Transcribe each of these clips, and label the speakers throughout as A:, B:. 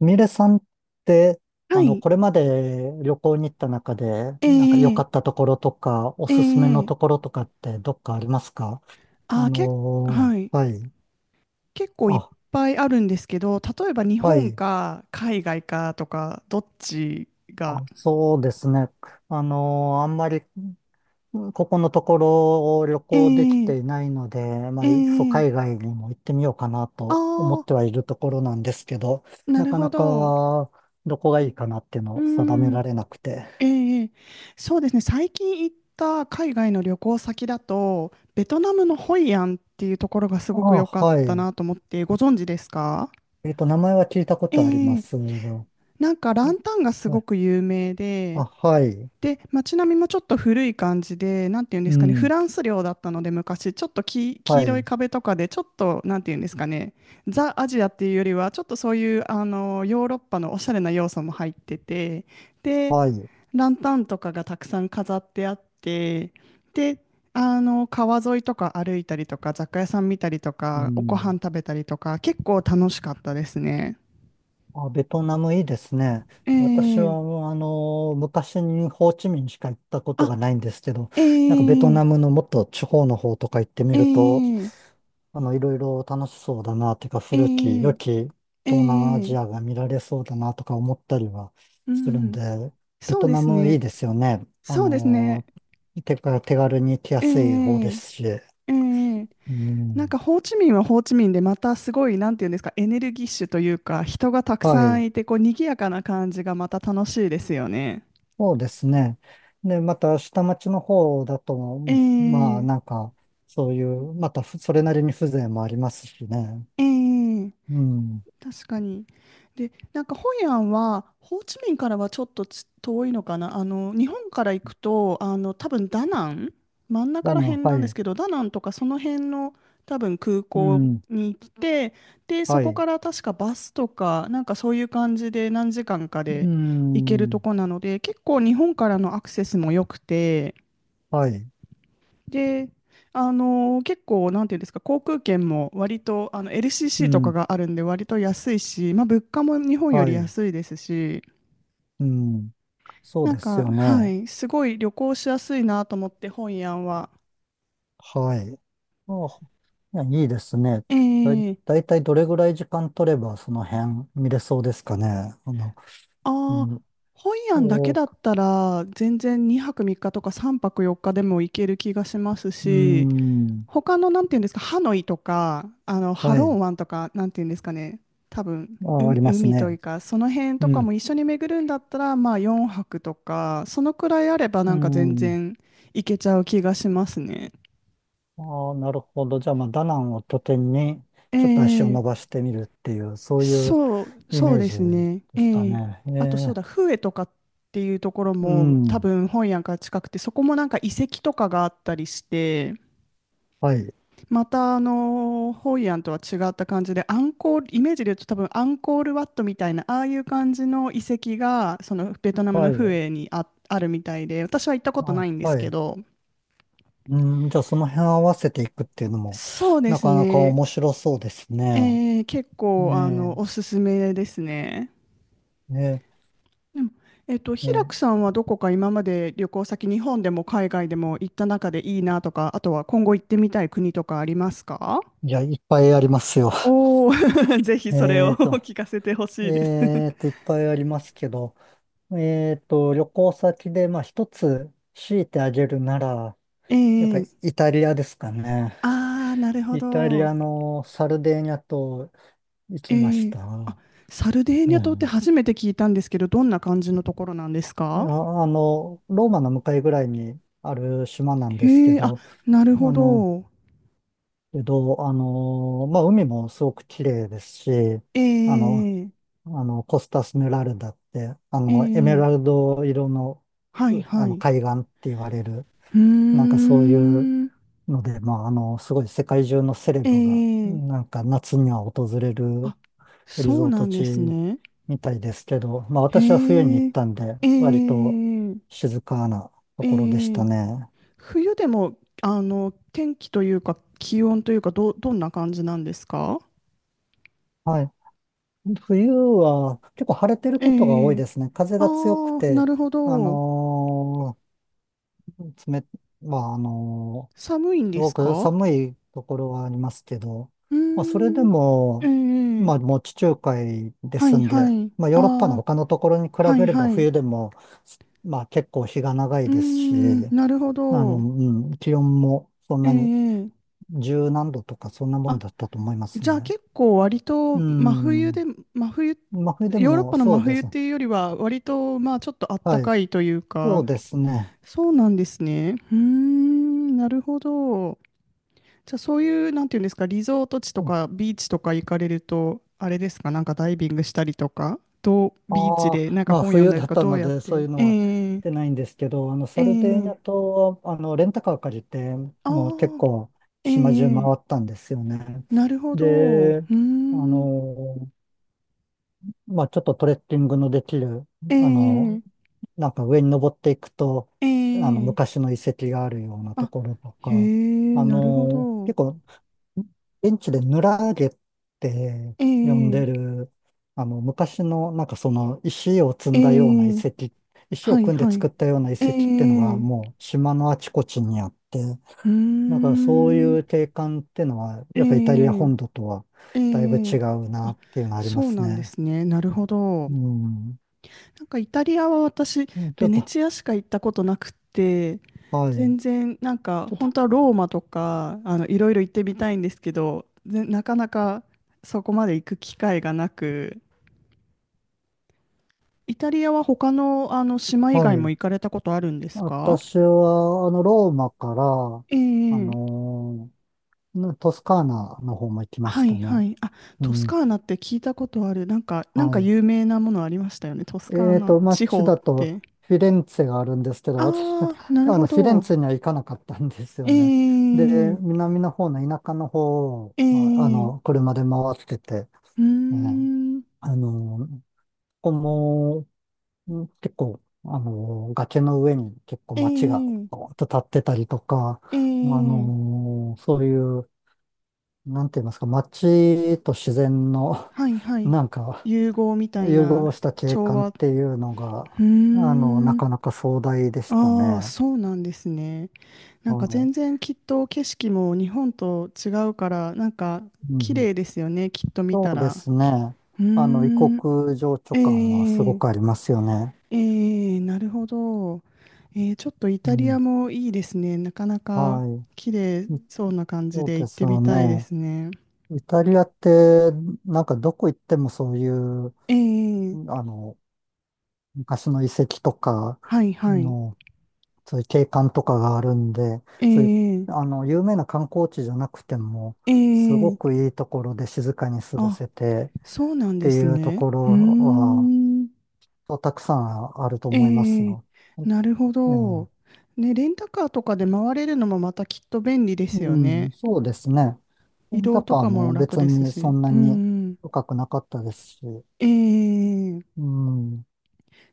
A: ミレさんって、
B: はい。
A: これまで旅行に行った中で、
B: え
A: なんか良
B: え
A: かったところとか、お
B: え
A: すすめの
B: え、
A: ところとかってどっかありますか？
B: あー、結構、はい。
A: はい。
B: 結構いっ
A: あ、
B: ぱいあるんですけど、例えば日
A: は
B: 本
A: い。
B: か海外かとか、どっち
A: あ、
B: が。
A: そうですね。あんまり、ここのところを旅
B: え
A: 行でき
B: え
A: ていないので、ま
B: え
A: あ、いっそ海
B: え、
A: 外にも行ってみようかな
B: あ
A: と思って
B: あ
A: はいるところなんですけど、
B: ー、な
A: な
B: る
A: か
B: ほ
A: な
B: ど。う
A: かどこがいいかなっていうのを定め
B: ん。
A: られなくて。
B: ええ、そうですね。最近行った海外の旅行先だと、ベトナムのホイアンっていうところがす
A: あ、
B: ごく良かっ
A: は
B: た
A: い。
B: なと思って、ご存知ですか？
A: 名前は聞いたことあり
B: え
A: ま
B: え、
A: すが。
B: なんかラ
A: あ、
B: ンタンがす
A: は
B: ご
A: い。
B: く有名で、
A: あはい。
B: で、街並みもちょっと古い感じで、なんていうんで
A: う
B: すかね、フ
A: ん。
B: ランス領だったので、昔、ちょっと黄
A: は
B: 色い
A: い。
B: 壁とかで、ちょっと、なんていうんですかね、ザ・アジアっていうよりは、ちょっとそういうあのヨーロッパのおしゃれな要素も入ってて、で、
A: はい。
B: ランタンとかがたくさん飾ってあって、で、あの川沿いとか歩いたりとか、雑貨屋さん見たりと
A: う
B: か、おご飯
A: ん。
B: 食べたりとか、結構楽しかったですね。
A: あ、ベトナムいいですね。
B: え
A: 私は、
B: ー、
A: もう昔にホーチミンしか行ったこと
B: あ、
A: がないんですけど、
B: え
A: なんかベト
B: ー、
A: ナムのもっと地方の方とか行ってみ
B: え
A: ると、
B: ー、
A: いろいろ楽しそうだな、てか
B: え
A: 古き良
B: ー、
A: き
B: ええ、
A: 東南ア
B: ええ、
A: ジアが見られそうだなとか思ったりは
B: う
A: する
B: ん
A: ん
B: うん。
A: で、ベ
B: そう
A: ト
B: で
A: ナ
B: す
A: ムい
B: ね。
A: いですよね。
B: そうですね。
A: てか手軽に行きや
B: ええ
A: すい方
B: え
A: ですし。
B: えええ
A: う
B: なん
A: ん。
B: かホーチミンはホーチミンでまたすごい、なんていうんですか、エネルギッシュというか、人がたく
A: は
B: さ
A: い。
B: んいて、こう、賑やかな感じがまた楽しいですよね。
A: そうですね。で、また下町の方だと、
B: え
A: うんまあ
B: え
A: なんか、そういう、またそれなりに風情もありますしね。
B: ええええ、
A: うん。
B: 確かに。で、なんかホイアンは、ホーチミンからはちょっと遠いのかな。あの、日本から行くと、あの、多分ダナン、真ん中
A: だ
B: ら辺
A: な、は
B: なんです
A: い。
B: けど、ダナンとかその辺の多分空
A: う
B: 港
A: ん。
B: に来て、で、そ
A: は
B: こか
A: い。
B: ら確かバスとか、なんかそういう感じで何時間か
A: う
B: で行けると
A: ん。
B: こなので、結構日本からのアクセスも良くて、
A: はい。
B: で、結構、なんていうんですか、航空券も割とあの
A: う
B: LCC とか
A: ん。
B: があるんで、割と安いし、まあ、物価も日本よ
A: は
B: り
A: い。
B: 安いですし、
A: うん。そう
B: なん
A: です
B: か、
A: よ
B: は
A: ね。
B: い、すごい旅行しやすいなと思って、ホイアンは。
A: はい。あ、いや、いいですね。
B: ええ、
A: だいたいどれぐらい時間取ればその辺見れそうですかね。あの、う
B: ああ、
A: ん、
B: ホイアンだけ
A: お、う
B: だったら、全然2泊3日とか3泊4日でも行ける気がします
A: ー
B: し、
A: ん、
B: 他の、なんていうんですか、ハノイとか、あの、ハ
A: は
B: ロ
A: い。
B: ン湾とか、なんていうんですかね、多分、う、
A: あ、あります
B: 海という
A: ね。
B: か、その辺
A: う
B: とかも
A: ん、
B: 一緒に巡るんだったら、まあ、四泊とか、そのくらいあれば、な
A: う
B: んか全
A: ん。
B: 然行けちゃう気がしますね。
A: ああ、なるほど。じゃあ、まあ、ダナンを拠点に、ちょっと足を
B: え
A: 伸
B: え、
A: ばしてみるっていう、そういう
B: そう、
A: イ
B: そ
A: メ
B: う
A: ー
B: で
A: ジ
B: すね。
A: ですか
B: ええ、
A: ね。え
B: あと、そう
A: え、
B: だ、フエとかっていうところ
A: う
B: も、多
A: ん、
B: 分、本屋が近くて、そこもなんか遺跡とかがあったりして、
A: はい、
B: またあのホイアンとは違った感じでアンコール、イメージで言うと多分アンコールワットみたいなああいう感じの遺跡がそのベトナムの
A: はい、
B: フエにあるみたいで私は行ったことな
A: あ、
B: いんです
A: は
B: け
A: い。
B: ど、
A: うん、じゃあその辺合わせていくっていうのも、
B: そうで
A: な
B: す
A: かなか
B: ね、
A: 面白そうですね。
B: 結
A: え
B: 構あ
A: え、
B: のおすすめですね。
A: ええ、
B: でも、平
A: え
B: 久
A: え
B: さんはどこか今まで旅行先日本でも海外でも行った中でいいなとか、あとは今後行ってみたい国とかありますか？
A: じゃあいっぱいありますよ。
B: おおー、ぜひ それを
A: えっ と、
B: 聞かせてほしいです。
A: いっぱいありますけど、旅行先で、まあ一つ強いてあげるなら、
B: え
A: やっぱり
B: え、
A: イタリアですかね。
B: ああー、なるほ
A: イタリ
B: ど。
A: アのサルデーニャ島行
B: え
A: きまし
B: え、あ、
A: た。
B: サルデーニャ
A: う
B: 島って
A: ん。
B: 初めて聞いたんですけど、どんな感じのところなんです
A: い
B: か？
A: やローマの向かいぐらいにある島なんです
B: へ
A: け
B: え、あ、
A: ど、
B: なるほ
A: あの、
B: ど。
A: まあ、海もすごく綺麗ですし、あの、
B: ええ、
A: コスタスメラルダって、エメ
B: え
A: ラル
B: え、
A: ド色の、
B: はいはい。
A: 海岸って言われる、
B: うー
A: なんかそういう
B: ん、
A: ので、まあ、すごい世界中のセレブが、
B: ええ、
A: なんか夏には訪れる
B: あ、
A: リ
B: そう
A: ゾー
B: な
A: ト
B: んです
A: 地
B: ね。
A: みたいですけど、まあ、私は冬に行っ
B: へ
A: たんで、
B: え、え
A: 割と
B: え、
A: 静かなと
B: え
A: ころでした
B: え、
A: ね。
B: 冬でも、あの、天気というか、気温というか、どんな感じなんですか？
A: はい。冬は結構晴れてる
B: え
A: ことが多い
B: え、
A: ですね。風が強く
B: ああ、な
A: て、
B: るほ
A: あ
B: ど。
A: のー、冷、まあ、
B: 寒いん
A: す
B: です
A: ごく
B: か？
A: 寒いところはありますけど、
B: うー
A: まあ、それで
B: ん。え
A: も、
B: え、
A: まあ、もう地中海で
B: は
A: す
B: い
A: ん
B: は
A: で、
B: い。
A: まあ、ヨ
B: あ
A: ーロッパの
B: あ、
A: 他のところに比
B: は
A: べ
B: い
A: れば
B: はい。う
A: 冬でも、まあ、結構日が長
B: ー
A: いですし、
B: ん、なるほど。
A: うん、気温もそん
B: え
A: なに
B: え、
A: 十何度とかそんなもん
B: あ、
A: だったと思います
B: じゃあ
A: ね。
B: 結構割と
A: う
B: 真冬
A: ん。
B: で、真冬、
A: まあ、冬で
B: ヨーロッ
A: も
B: パの
A: そ
B: 真
A: うで
B: 冬っ
A: すね。
B: ていうよりは割とまあちょっとあった
A: はい。
B: かいという
A: そ
B: か、
A: うですね。
B: そうなんですね。うーん、なるほど。じゃあそういう、なんていうんですか、リゾート地とかビーチとか行かれると、あれですか、なんかダイビングしたりとか、どう、ビーチ
A: あ
B: で
A: あ
B: なんか
A: まあ
B: 本読ん
A: 冬
B: だり
A: だ
B: と
A: っ
B: か、
A: た
B: どう
A: の
B: やっ
A: で、そう
B: て、
A: いうのは
B: ええ、
A: 出ないんですけど、サ
B: え
A: ルデーニ
B: え、
A: ャ島は、レンタカー借りて、
B: ああ
A: もう結構島中
B: ー、
A: 回
B: ええ、
A: ったんですよね。
B: なるほど、う
A: で、
B: ー
A: あ
B: ん、
A: の、まあちょっとトレッキングのできる、
B: え
A: あの、
B: え、
A: なんか上に登っていくと、
B: ええ、
A: 昔の遺跡があるようなと
B: あ、
A: ころと
B: へ
A: か、
B: え、なるほど、
A: 結構現地でヌラーゲって
B: え
A: 呼んで
B: え、
A: る、昔の、なんかその、石を積
B: え
A: んだような遺
B: え、
A: 跡、石を
B: はい
A: 組んで
B: は
A: 作
B: い、
A: ったような遺
B: え
A: 跡ってのが、
B: え、
A: もう島のあちこちにあって、
B: うー
A: だからそう
B: ん、
A: いう景観ってのは、
B: え
A: やっぱイタリア
B: え、
A: 本土とは
B: え
A: だいぶ違
B: え、
A: うな
B: あ、
A: っていうのありま
B: そう
A: す
B: なんで
A: ね。
B: すね、なるほど。
A: うん。
B: なんかイタリアは私、
A: うんちょ
B: ベ
A: っ
B: ネ
A: と、
B: チアしか行ったことなくて、
A: はい。
B: 全然なんか
A: ちょっと、
B: 本当はローマとかあのいろいろ行ってみたいんですけど、なかなかそこまで行く機会がなく、イタリアは他の、あの島以
A: は
B: 外も
A: い。
B: 行かれたことあるんですか？
A: 私は、ローマから、
B: え
A: あ
B: え、
A: のトスカーナの方も行きまし
B: は
A: た
B: いは
A: ね。
B: い。あ、
A: う
B: トス
A: ん、
B: カーナって聞いたことある。なんか、なんか
A: はい。
B: 有名なものありましたよね、トスカー
A: えー
B: ナ
A: と、
B: 地
A: 街
B: 方っ
A: だと
B: て。
A: フィレンツェがあるんですけど、
B: あ
A: 私、
B: あ、なるほ
A: フィレン
B: ど。
A: ツェには行かなかったんですよ
B: え
A: ね。で、
B: え、
A: 南の方の田舎の方を、
B: え
A: まあ、
B: え。
A: 車で回ってて、
B: うー
A: ね、
B: ん。
A: あの、ここも、結構、崖の上に結構街が
B: ええ
A: ドーンと立ってたりとか、
B: ええ、
A: そういう、なんて言いますか、街と自然の、
B: はいは い。
A: なんか、
B: 融合みたい
A: 融
B: な、
A: 合した景
B: 調
A: 観っ
B: 和。う
A: ていうのが、
B: ー
A: な
B: ん。
A: かなか壮大でした
B: ああ、
A: ね。
B: そうなんですね。なんか全
A: は
B: 然きっと景色も日本と違うから、なんか
A: い。う
B: 綺
A: ん。
B: 麗ですよね、きっと見
A: そ
B: た
A: うで
B: ら。
A: すね。
B: う
A: 異
B: ーん。
A: 国情緒
B: え
A: 感はすごくあ
B: え
A: りますよね。
B: ええ、なるほど。えー、ちょっとイ
A: う
B: タリア
A: ん。
B: もいいですね。なかなか
A: はい。
B: 綺麗そうな感じ
A: そう
B: で
A: で
B: 行っ
A: す
B: てみ
A: よ
B: たいで
A: ね。
B: すね。
A: イタリアって、なんかどこ行ってもそういう、
B: ええ、
A: あの、昔の遺跡とか、
B: はい
A: あ
B: はい。
A: のそういう景観とかがあるんで、そういう、
B: ええ、
A: 有名な観光地じゃなくても、
B: え
A: すごく
B: え、
A: いいところで静かに過ご
B: あ、
A: せて
B: そうなん
A: って
B: です
A: いうと
B: ね。
A: こ
B: う
A: ろ
B: ー
A: は、
B: ん、
A: そうたくさんあると
B: え
A: 思います
B: え、
A: よ。え
B: なるほど。
A: え
B: ね、レンタカーとかで回れるのもまたきっと便利ですよ
A: うん、
B: ね。
A: そうですね。レ
B: 移
A: ンタ
B: 動と
A: カー
B: かも
A: も
B: 楽
A: 別
B: です
A: にそ
B: し。
A: んな
B: う
A: に
B: ん、
A: 深くなかったですし、
B: ええ、
A: うん、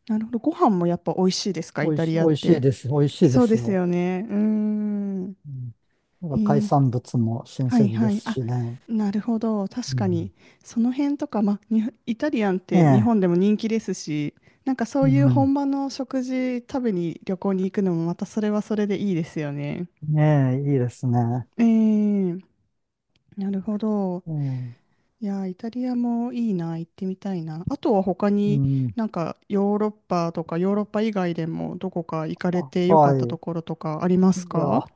B: なるほど。ご飯もやっぱ美味しいですか、イタリ
A: 美
B: アっ
A: 味しい
B: て。
A: です。美味しいで
B: そうで
A: す
B: す
A: よ。
B: よね。うーん、
A: うん、なんか海
B: ええ、
A: 産物も新
B: はい
A: 鮮で
B: はい。
A: す
B: あ、
A: しね。う
B: なるほど。確かに。
A: ん、
B: その辺とか、まあ、にイタリアンっ
A: ね
B: て日本でも人気ですし、なんかそ
A: え、
B: う
A: う
B: いう
A: ん
B: 本場の食事食べに旅行に行くのもまたそれはそれでいいですよね。
A: ねえ、いいですね。
B: ええ、なるほど。
A: うん。
B: いや、イタリアもいいな、行ってみたいな。あとは他
A: う
B: に
A: ん。
B: なんかヨーロッパとかヨーロッパ以外でもどこか行かれ
A: あ、
B: てよか
A: は
B: ったと
A: い。
B: ころとかあります
A: い
B: か？
A: や、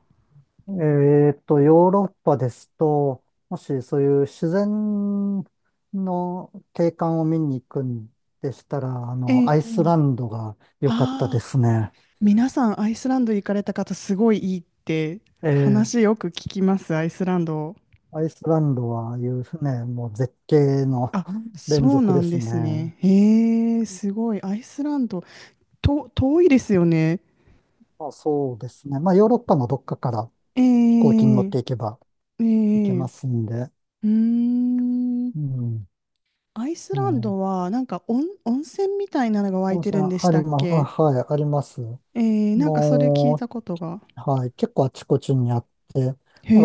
A: えーっと、ヨーロッパですと、もしそういう自然の景観を見に行くんでしたら、
B: え
A: ア
B: え、
A: イスランドが良かったで
B: あ、
A: すね。
B: 皆さん、アイスランド行かれた方、すごいいいって
A: ええ、
B: 話よく聞きます、アイスランド。
A: アイスランドはいうね、もう絶景の
B: あ、そ
A: 連
B: う
A: 続
B: な
A: で
B: ん
A: す
B: です
A: ね。
B: ね。へえ、すごい。アイスランド、遠いですよね。
A: あ、そうですね。まあ、ヨーロッパのどっかから
B: え
A: 飛行機に乗っ
B: え、
A: ていけば
B: え
A: 行け
B: え、
A: ま
B: う
A: すんで、
B: ーん。
A: うん。ね
B: アイス
A: え
B: ラン
A: ー
B: ドは、なんか温泉みたいなのが湧い
A: 温
B: て
A: 泉
B: るんでし
A: あり
B: たっ
A: ます。あ、
B: け？
A: はい、あります。
B: ええ、なんかそれ聞い
A: も
B: たことが。
A: う、はい、結構あちこちにあって、なん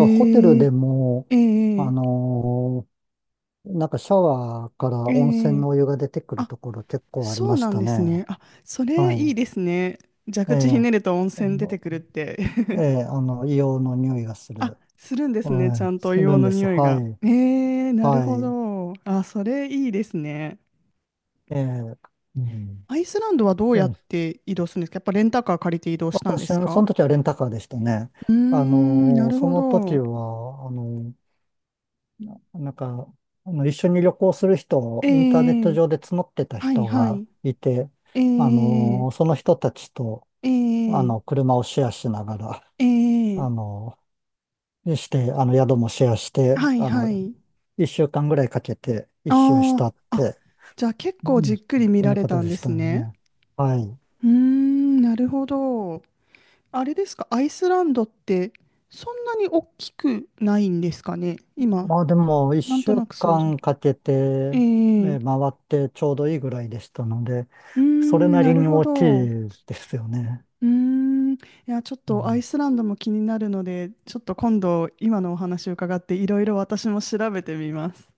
A: かホテルで
B: え、
A: も、
B: え
A: あ
B: え、
A: のーなんかシャワーから
B: え
A: 温泉
B: え、
A: のお湯が出てくるところ結構あり
B: そう
A: まし
B: なん
A: た
B: です
A: ね。
B: ね。あ、それ
A: は
B: いい
A: い。
B: ですね。蛇
A: え
B: 口ひ
A: え、
B: ねると温
A: あ
B: 泉出て
A: の
B: くるって
A: ええ、硫黄の匂いがす
B: あ、
A: る。
B: するんですね。ち
A: は
B: ゃ
A: い、
B: んと
A: す
B: 硫
A: る
B: 黄
A: ん
B: の
A: です。
B: 匂い
A: は
B: が。
A: い。
B: えー、なる
A: は
B: ほ
A: い。
B: ど。あ、それいいですね。
A: ええ、うん。
B: アイスランドはどうやっ
A: で、
B: て移動するんですか？やっぱレンタカー借りて移動したんで
A: 私、そ
B: すか？
A: の時はレンタカーでしたね。
B: うーん、なる
A: そ
B: ほ
A: の時
B: ど。
A: は、なんか、一緒に旅行する人
B: え
A: をインターネット
B: ー、
A: 上で募ってた
B: はい
A: 人
B: は
A: が
B: い。
A: いて、
B: えー、
A: その人たちと、
B: えー、
A: 車をシェアしながら、
B: え
A: あ
B: ー、
A: のして、あの、宿もシェアして、
B: はいはい。
A: 一週間ぐらいかけて
B: あ
A: 1周した
B: ー
A: っ
B: あ、
A: て、
B: じゃあ結
A: う
B: 構じ
A: ん、
B: っくり見
A: そん
B: ら
A: な
B: れ
A: 形
B: たん
A: で
B: で
A: した
B: す
A: よ
B: ね。
A: ね。はい。
B: うーん、なるほど。あれですか、アイスランドってそんなに大きくないんですかね。今、
A: まあでも、一
B: なんと
A: 週
B: なく想像。
A: 間かけて、
B: え
A: え
B: え、う
A: ー回ってちょうどいいぐらいでしたので、
B: ー
A: それ
B: ん、
A: な
B: な
A: り
B: る
A: に
B: ほ
A: 大きい
B: ど。う
A: ですよね。
B: ーん、いや、ちょっ
A: う
B: とアイ
A: ん
B: スランドも気になるので、ちょっと今度、今のお話を伺って、いろいろ私も調べてみます。